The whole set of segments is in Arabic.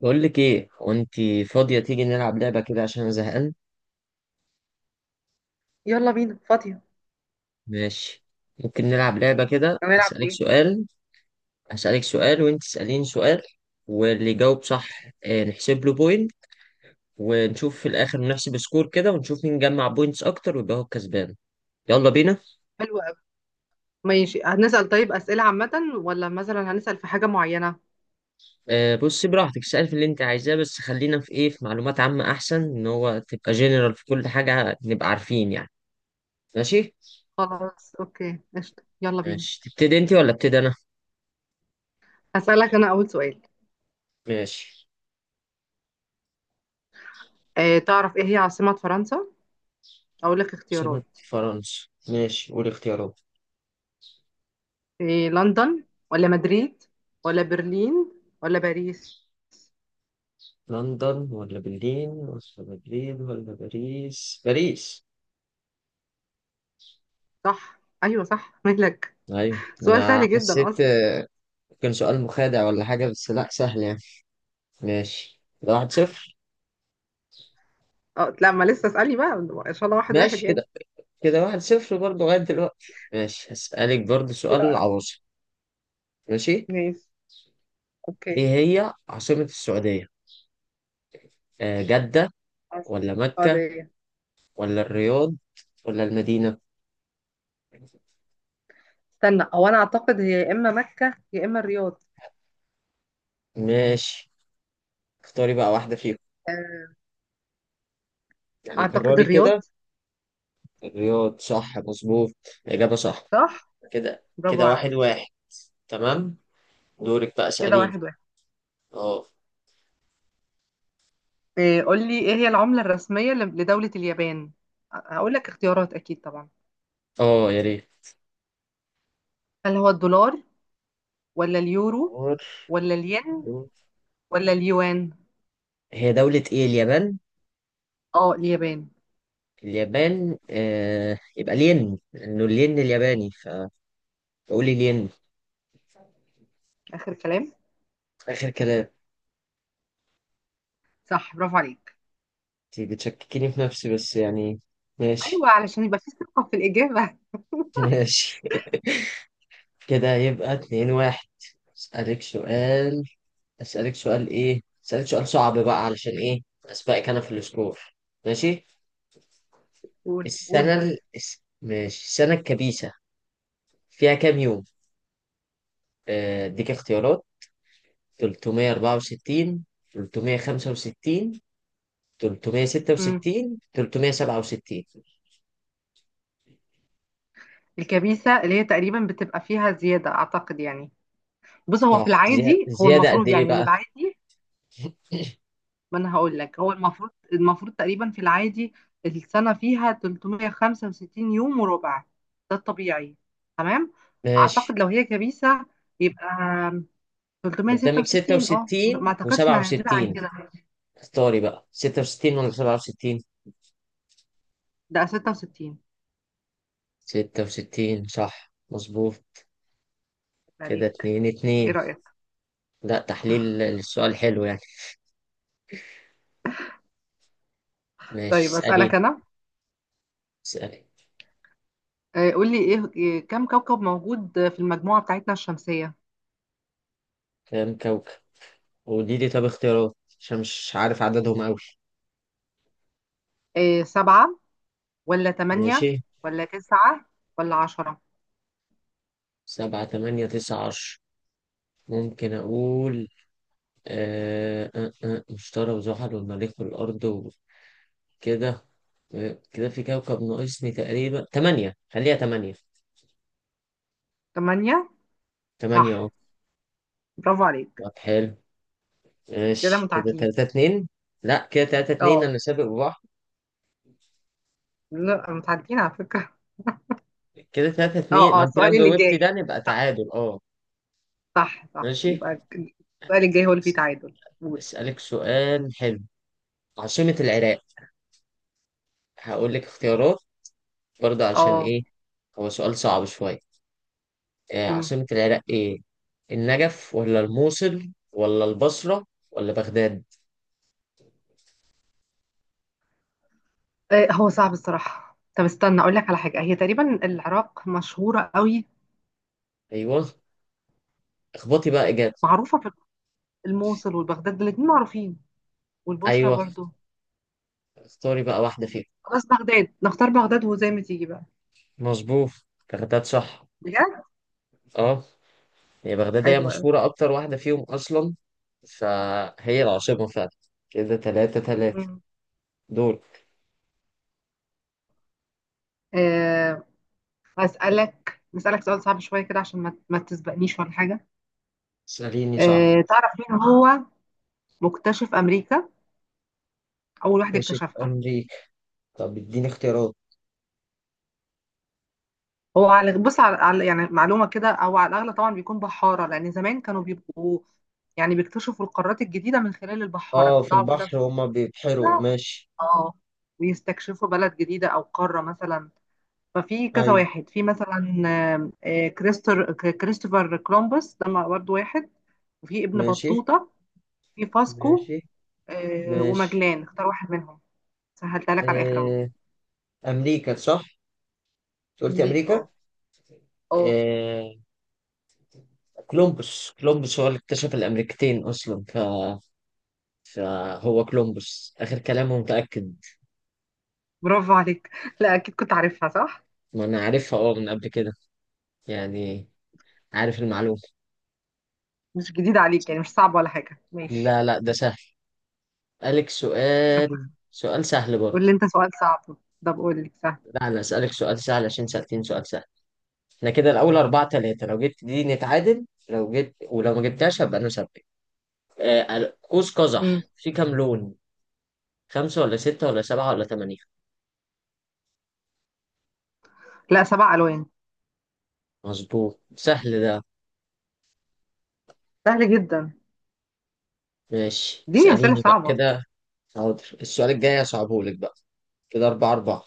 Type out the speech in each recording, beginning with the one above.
بقول لك ايه وانت فاضية تيجي نلعب لعبة كده عشان انا زهقان. يلا بينا فاضية. ماشي. ممكن نلعب لعبة كده هنلعب اسألك ايه؟ سؤال. اسألك سؤال وانت تسأليني سؤال، واللي يجاوب صح نحسب له بوينت. ونشوف في الاخر نحسب سكور كده، ونشوف مين جمع بوينتس اكتر ويبقى هو الكسبان. يلا بينا. حلو قوي. ماشي هنسأل طيب أسئلة عامة، ولا مثلا هنسأل في حاجة معينة؟ بصي براحتك، اسألي في اللي انت عايزاه، بس خلينا في ايه، في معلومات عامة، احسن ان هو تبقى جنرال في كل حاجة نبقى عارفين يعني. ماشي. خلاص اوكي قشطة يلا بينا. ماشي، تبتدي انت ولا ابتدي انا؟ هسألك انا اول سؤال. ماشي. تعرف ايه هي عاصمة فرنسا؟ اقول لك عاصمة اختيارات. فرنسا، ماشي قول اختيارات. إيه، لندن ولا مدريد ولا برلين ولا باريس؟ لندن ولا برلين ولا مدريد ولا باريس؟ باريس. صح، ايوه صح مالك. أيوة، سؤال أنا سهل جدا حسيت. اصلا. كان سؤال مخادع ولا حاجة، بس لأ سهل يعني. ماشي، ده واحد صفر. اه لا ما لسه، اسألني بقى. ان شاء الله واحد واحد ماشي، يعني. كده كده واحد صفر برضه لغاية دلوقتي. ماشي، هسألك برضه كده سؤال واحد. عواصم. ماشي. ماشي. اوكي. إيه هي عاصمة السعودية؟ آه، جدة ولا مكة حاضر. ولا الرياض ولا المدينة؟ استنى هو انا اعتقد هي يا اما مكة يا اما الرياض. ماشي. اختاري بقى واحدة فيهم. آه، يعني اعتقد قرري الرياض. كده. الرياض صح مظبوط. إجابة صح. صح كده برافو كده واحد عليك. واحد. تمام. دورك بقى، كده اسأليني. واحد واحد. اه. قول لي ايه هي العملة الرسمية لدولة اليابان. هقول لك اختيارات اكيد طبعا. اه يا ريت. هل هو الدولار، ولا اليورو، ولا الين، دور. ولا اليوان؟ هي دولة ايه اليابان؟ اه اليابان. اليابان، آه يبقى الين لأنه الين الياباني، فقولي الين. اخر كلام. آخر كلام. صح برافو عليك. انتي بتشككيني في نفسي بس يعني. ماشي. ايوه علشان يبقى في ثقة في الاجابة. ماشي. كده يبقى اتنين واحد. أسألك سؤال. أسألك سؤال ايه؟ أسألك سؤال صعب بقى علشان ايه؟ أسبقك أنا في السكور. ماشي؟ قول قول السنة طيب. ماشي، السنة الكبيسة فيها كام يوم؟ اديك اختيارات. 364، 365، مم. 366، 367. الكبيسة اللي هي تقريبا بتبقى فيها زيادة اعتقد يعني. بص هو في صح العادي، هو زيادة قد المفروض ايه يعني ان بقى؟ العادي، ما انا هقول لك، هو المفروض المفروض تقريبا في العادي السنه فيها 365 يوم وربع، ده الطبيعي. تمام. ماشي. اعتقد لو هي كبيسه يبقى قدامك 366. اه 66 ما اعتقدش انها هتزيد عن و67. كده. اختاري بقى 66 ولا 67. ده 66. 66 صح مظبوط. كده عليك. اتنين ايه اتنين. رايك؟ لا، تحليل للسؤال حلو يعني. ماشي، طيب اسألي. اسالك انا. اسألي قول لي ايه كم كوكب موجود في المجموعه بتاعتنا الشمسيه. كام كوكب، ودي دي طب اختيارات عشان مش عارف عددهم أوي. إيه، سبعه ولا ماشي. ثمانيه ولا تسعه ولا عشرة؟ سبعة تمانية تسعة عشر؟ ممكن أقول. مشتري وزحل والمريخ والأرض وكده. آه، كده في كوكب ناقصني تقريبا، تمانية، خليها تمانية. ثمانيه. تمانية أهو. صح برافو عليك. طب حلو. كده ماشي، كده متعادلين. تلاتة اتنين. لأ، كده تلاتة اتنين، أنا اه سابق بواحد. لا متعدين على فكرة. كده تلاتة اه اتنين، ما اه أنت لو السؤال اللي جاوبتي جاي. ده نبقى صح. تعادل، أه. صح صح ماشي. يبقى السؤال الجاي هو اللي فيه أس- تعادل، قول. أسألك سؤال حلو. عاصمة العراق. هقول لك اختيارات برضه عشان اه. إيه، هو سؤال صعب شوية. امم. عاصمة العراق إيه؟ النجف ولا الموصل ولا البصرة ولا بغداد؟ هو صعب الصراحة، طب استنى اقول لك على حاجة، هي تقريبا العراق مشهورة قوي. أيوه. اخبطي بقى إجابة. معروفة في الموصل والبغداد، الاتنين معروفين، والبصرة أيوه. برضو. اختاري بقى واحدة فيهم. خلاص بغداد، نختار بغداد وزي ما تيجي بقى. مظبوط، بغداد صح. بجد. أه. هي بغداد هي حلو قوي. مشهورة أكتر واحدة فيهم أصلا، فهي العاصمة فعلا. كده تلاتة تلاتة امم. دول. آه، نسألك سؤال صعب شوية كده عشان ما تسبقنيش ولا حاجة. اسأليني صح. تعرف مين هو مكتشف أمريكا، أول واحد ماشي، اكتشفها؟ أمريكا. طب اديني اختيارات. هو على بص على على- يعني معلومه كده، او على الاغلب طبعا بيكون بحاره، لان زمان كانوا بيبقوا يعني بيكتشفوا القارات الجديده من خلال البحاره، اه في بيطلعوا كده البحر في، هما بيبحروا، لا. ماشي. اه، ويستكشفوا بلد جديده او قاره مثلا. ففي كذا أيوه. واحد، في مثلا آم، آه، كريستر ك- كريستوفر كولومبوس ده برضه واحد، وفي ابن ماشي. بطوطه، في فاسكو، ماشي. ماشي. وماجلان. اختار واحد منهم، سهلتها لك على الاخر اهو. آه، أمريكا صح؟ أنت قلت امريكا أمريكا؟ اه. اه آه، كولومبوس هو اللي اكتشف الأمريكتين أصلا، فهو كولومبوس، آخر كلامه، متأكد. برافو عليك. لا اكيد كنت عارفها صح. ما أنا عارفها أه من قبل كده يعني، عارف المعلومة. مش جديد عليك يعني، مش صعب ولا حاجة، ماشي. لا لا، ده سهل. أسألك سؤال، سؤال سهل قول برضه. لي انت سؤال صعب. طب قول لي سهل. لا، أنا أسألك سؤال سهل عشان سألتين سؤال سهل. إحنا كده الأول أربعة تلاتة، لو جبت دي نتعادل، لو جبت ولو ما جبتهاش هبقى أنا سبت. قوس مم. قزح في كام لون؟ خمسة ولا ستة ولا سبعة ولا تمانية؟ لا، سبع ألوان. مظبوط، سهل ده. سهل جدا. ماشي، اديني أسئلة اسأليني بقى صعبة. كده. حاضر، السؤال الجاي هصعبهولك بقى. كده أربعة أربعة.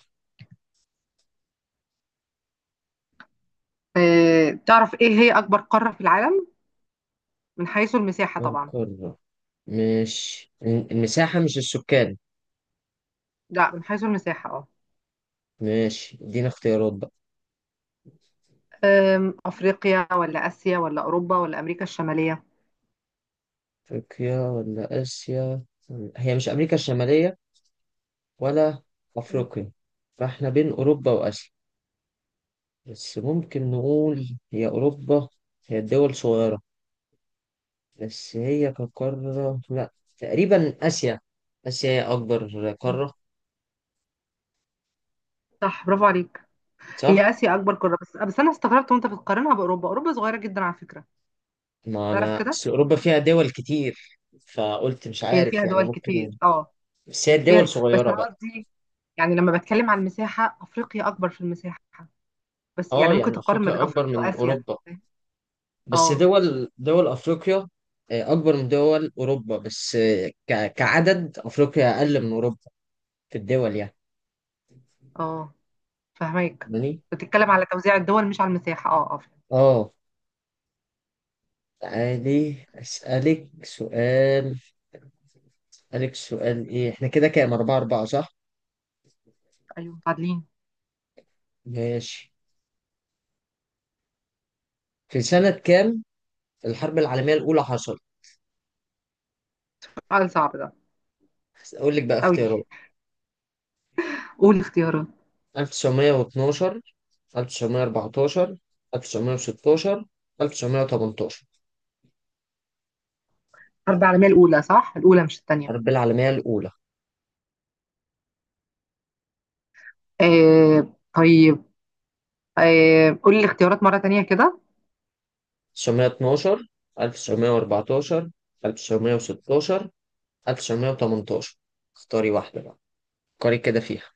اه، تعرف ايه هي أكبر قارة في العالم، من حيث المساحة طبعا؟ القارة، ماشي، المساحة مش السكان. لا من حيث المساحة اه. ماشي، ادينا اختيارات بقى. أفريقيا ولا آسيا ولا أوروبا ولا أمريكا الشمالية؟ أفريقيا ولا آسيا؟ هي مش أمريكا الشمالية، ولا أيوة. أفريقيا. فاحنا بين أوروبا وآسيا، بس ممكن نقول هي أوروبا، هي الدول صغيرة، بس هي كقارة لا. تقريبا آسيا، آسيا هي أكبر مم. قارة. صح برافو عليك. صح؟ هي آسيا أكبر قارة، بس بس أنا استغربت وأنت بتقارنها بأوروبا، أوروبا صغيرة جدا على فكرة. ما تعرف أنا كده. أصل أوروبا فيها دول كتير، فقلت مش هي عارف فيها يعني دول كتير ممكن. اه، بس هي الدول فيها، بس صغيرة أنا بقى. قصدي يعني لما بتكلم عن المساحة، أفريقيا أكبر في المساحة. بس أه، يعني ممكن يعني تقارن ما بين أفريقيا أكبر أفريقيا من وآسيا. أوروبا بس اه دول أفريقيا أكبر من دول أوروبا، بس كعدد أفريقيا أقل من أوروبا، في الدول يعني. اه، فهمك. فاهماني؟ بتتكلم على توزيع الدول مش على المساحة، اه اه فهمت. أه. تعالي أسألك سؤال. أسألك سؤال إيه، إحنا كده كام، أربعة أربعة صح؟ أيوه عادلين. ماشي. في سنة كام الحرب العالمية الأولى حصلت؟ سؤال صعب ده أقول لك بقى أوي. اختيارات. قول الاختيارات. 1912، 1914، 1916، 1918. الحرب العالمية الأولى صح؟ الأولى مش التانية. الحرب العالمية الأولى. آه طيب. آه قول لي الاختيارات مرة تانية كده. 1912، 1914، 1916، 1918. اختاري واحدة بقى، فكري كده فيها.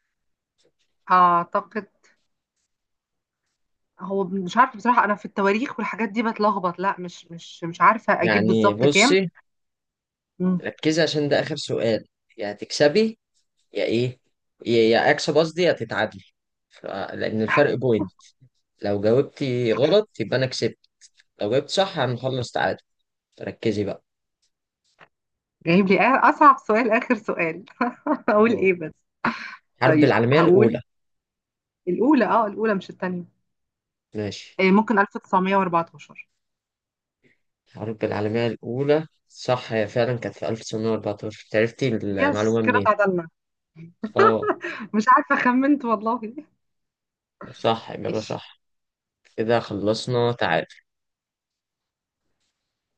أعتقد، هو مش عارفة بصراحة أنا في التواريخ والحاجات دي بتلخبط، لا مش عارفة أجيب يعني بالظبط كام. بصي، مم. ركزي عشان ده آخر سؤال. يا هتكسبي يا إيه، يا أكسب قصدي، يا تتعادلي. لأن الفرق بوينت، لو جاوبتي غلط يبقى أنا كسبت، لو جبت صح هنخلص تعادل. ركزي بقى. جايب لي أصعب سؤال آخر سؤال. أقول اه. إيه بس. حرب طيب العالمية هقول الأولى. الأولى، اه الأولى مش التانية. ماشي. إيه، ممكن 1914. الحرب العالمية الأولى صح، هي فعلا كانت في 1914. عرفتي يس، المعلومة كده منين؟ تعادلنا. اه. مش عارفة خمنت والله. صح يبقى ماشي. صح. كده خلصنا تعادل.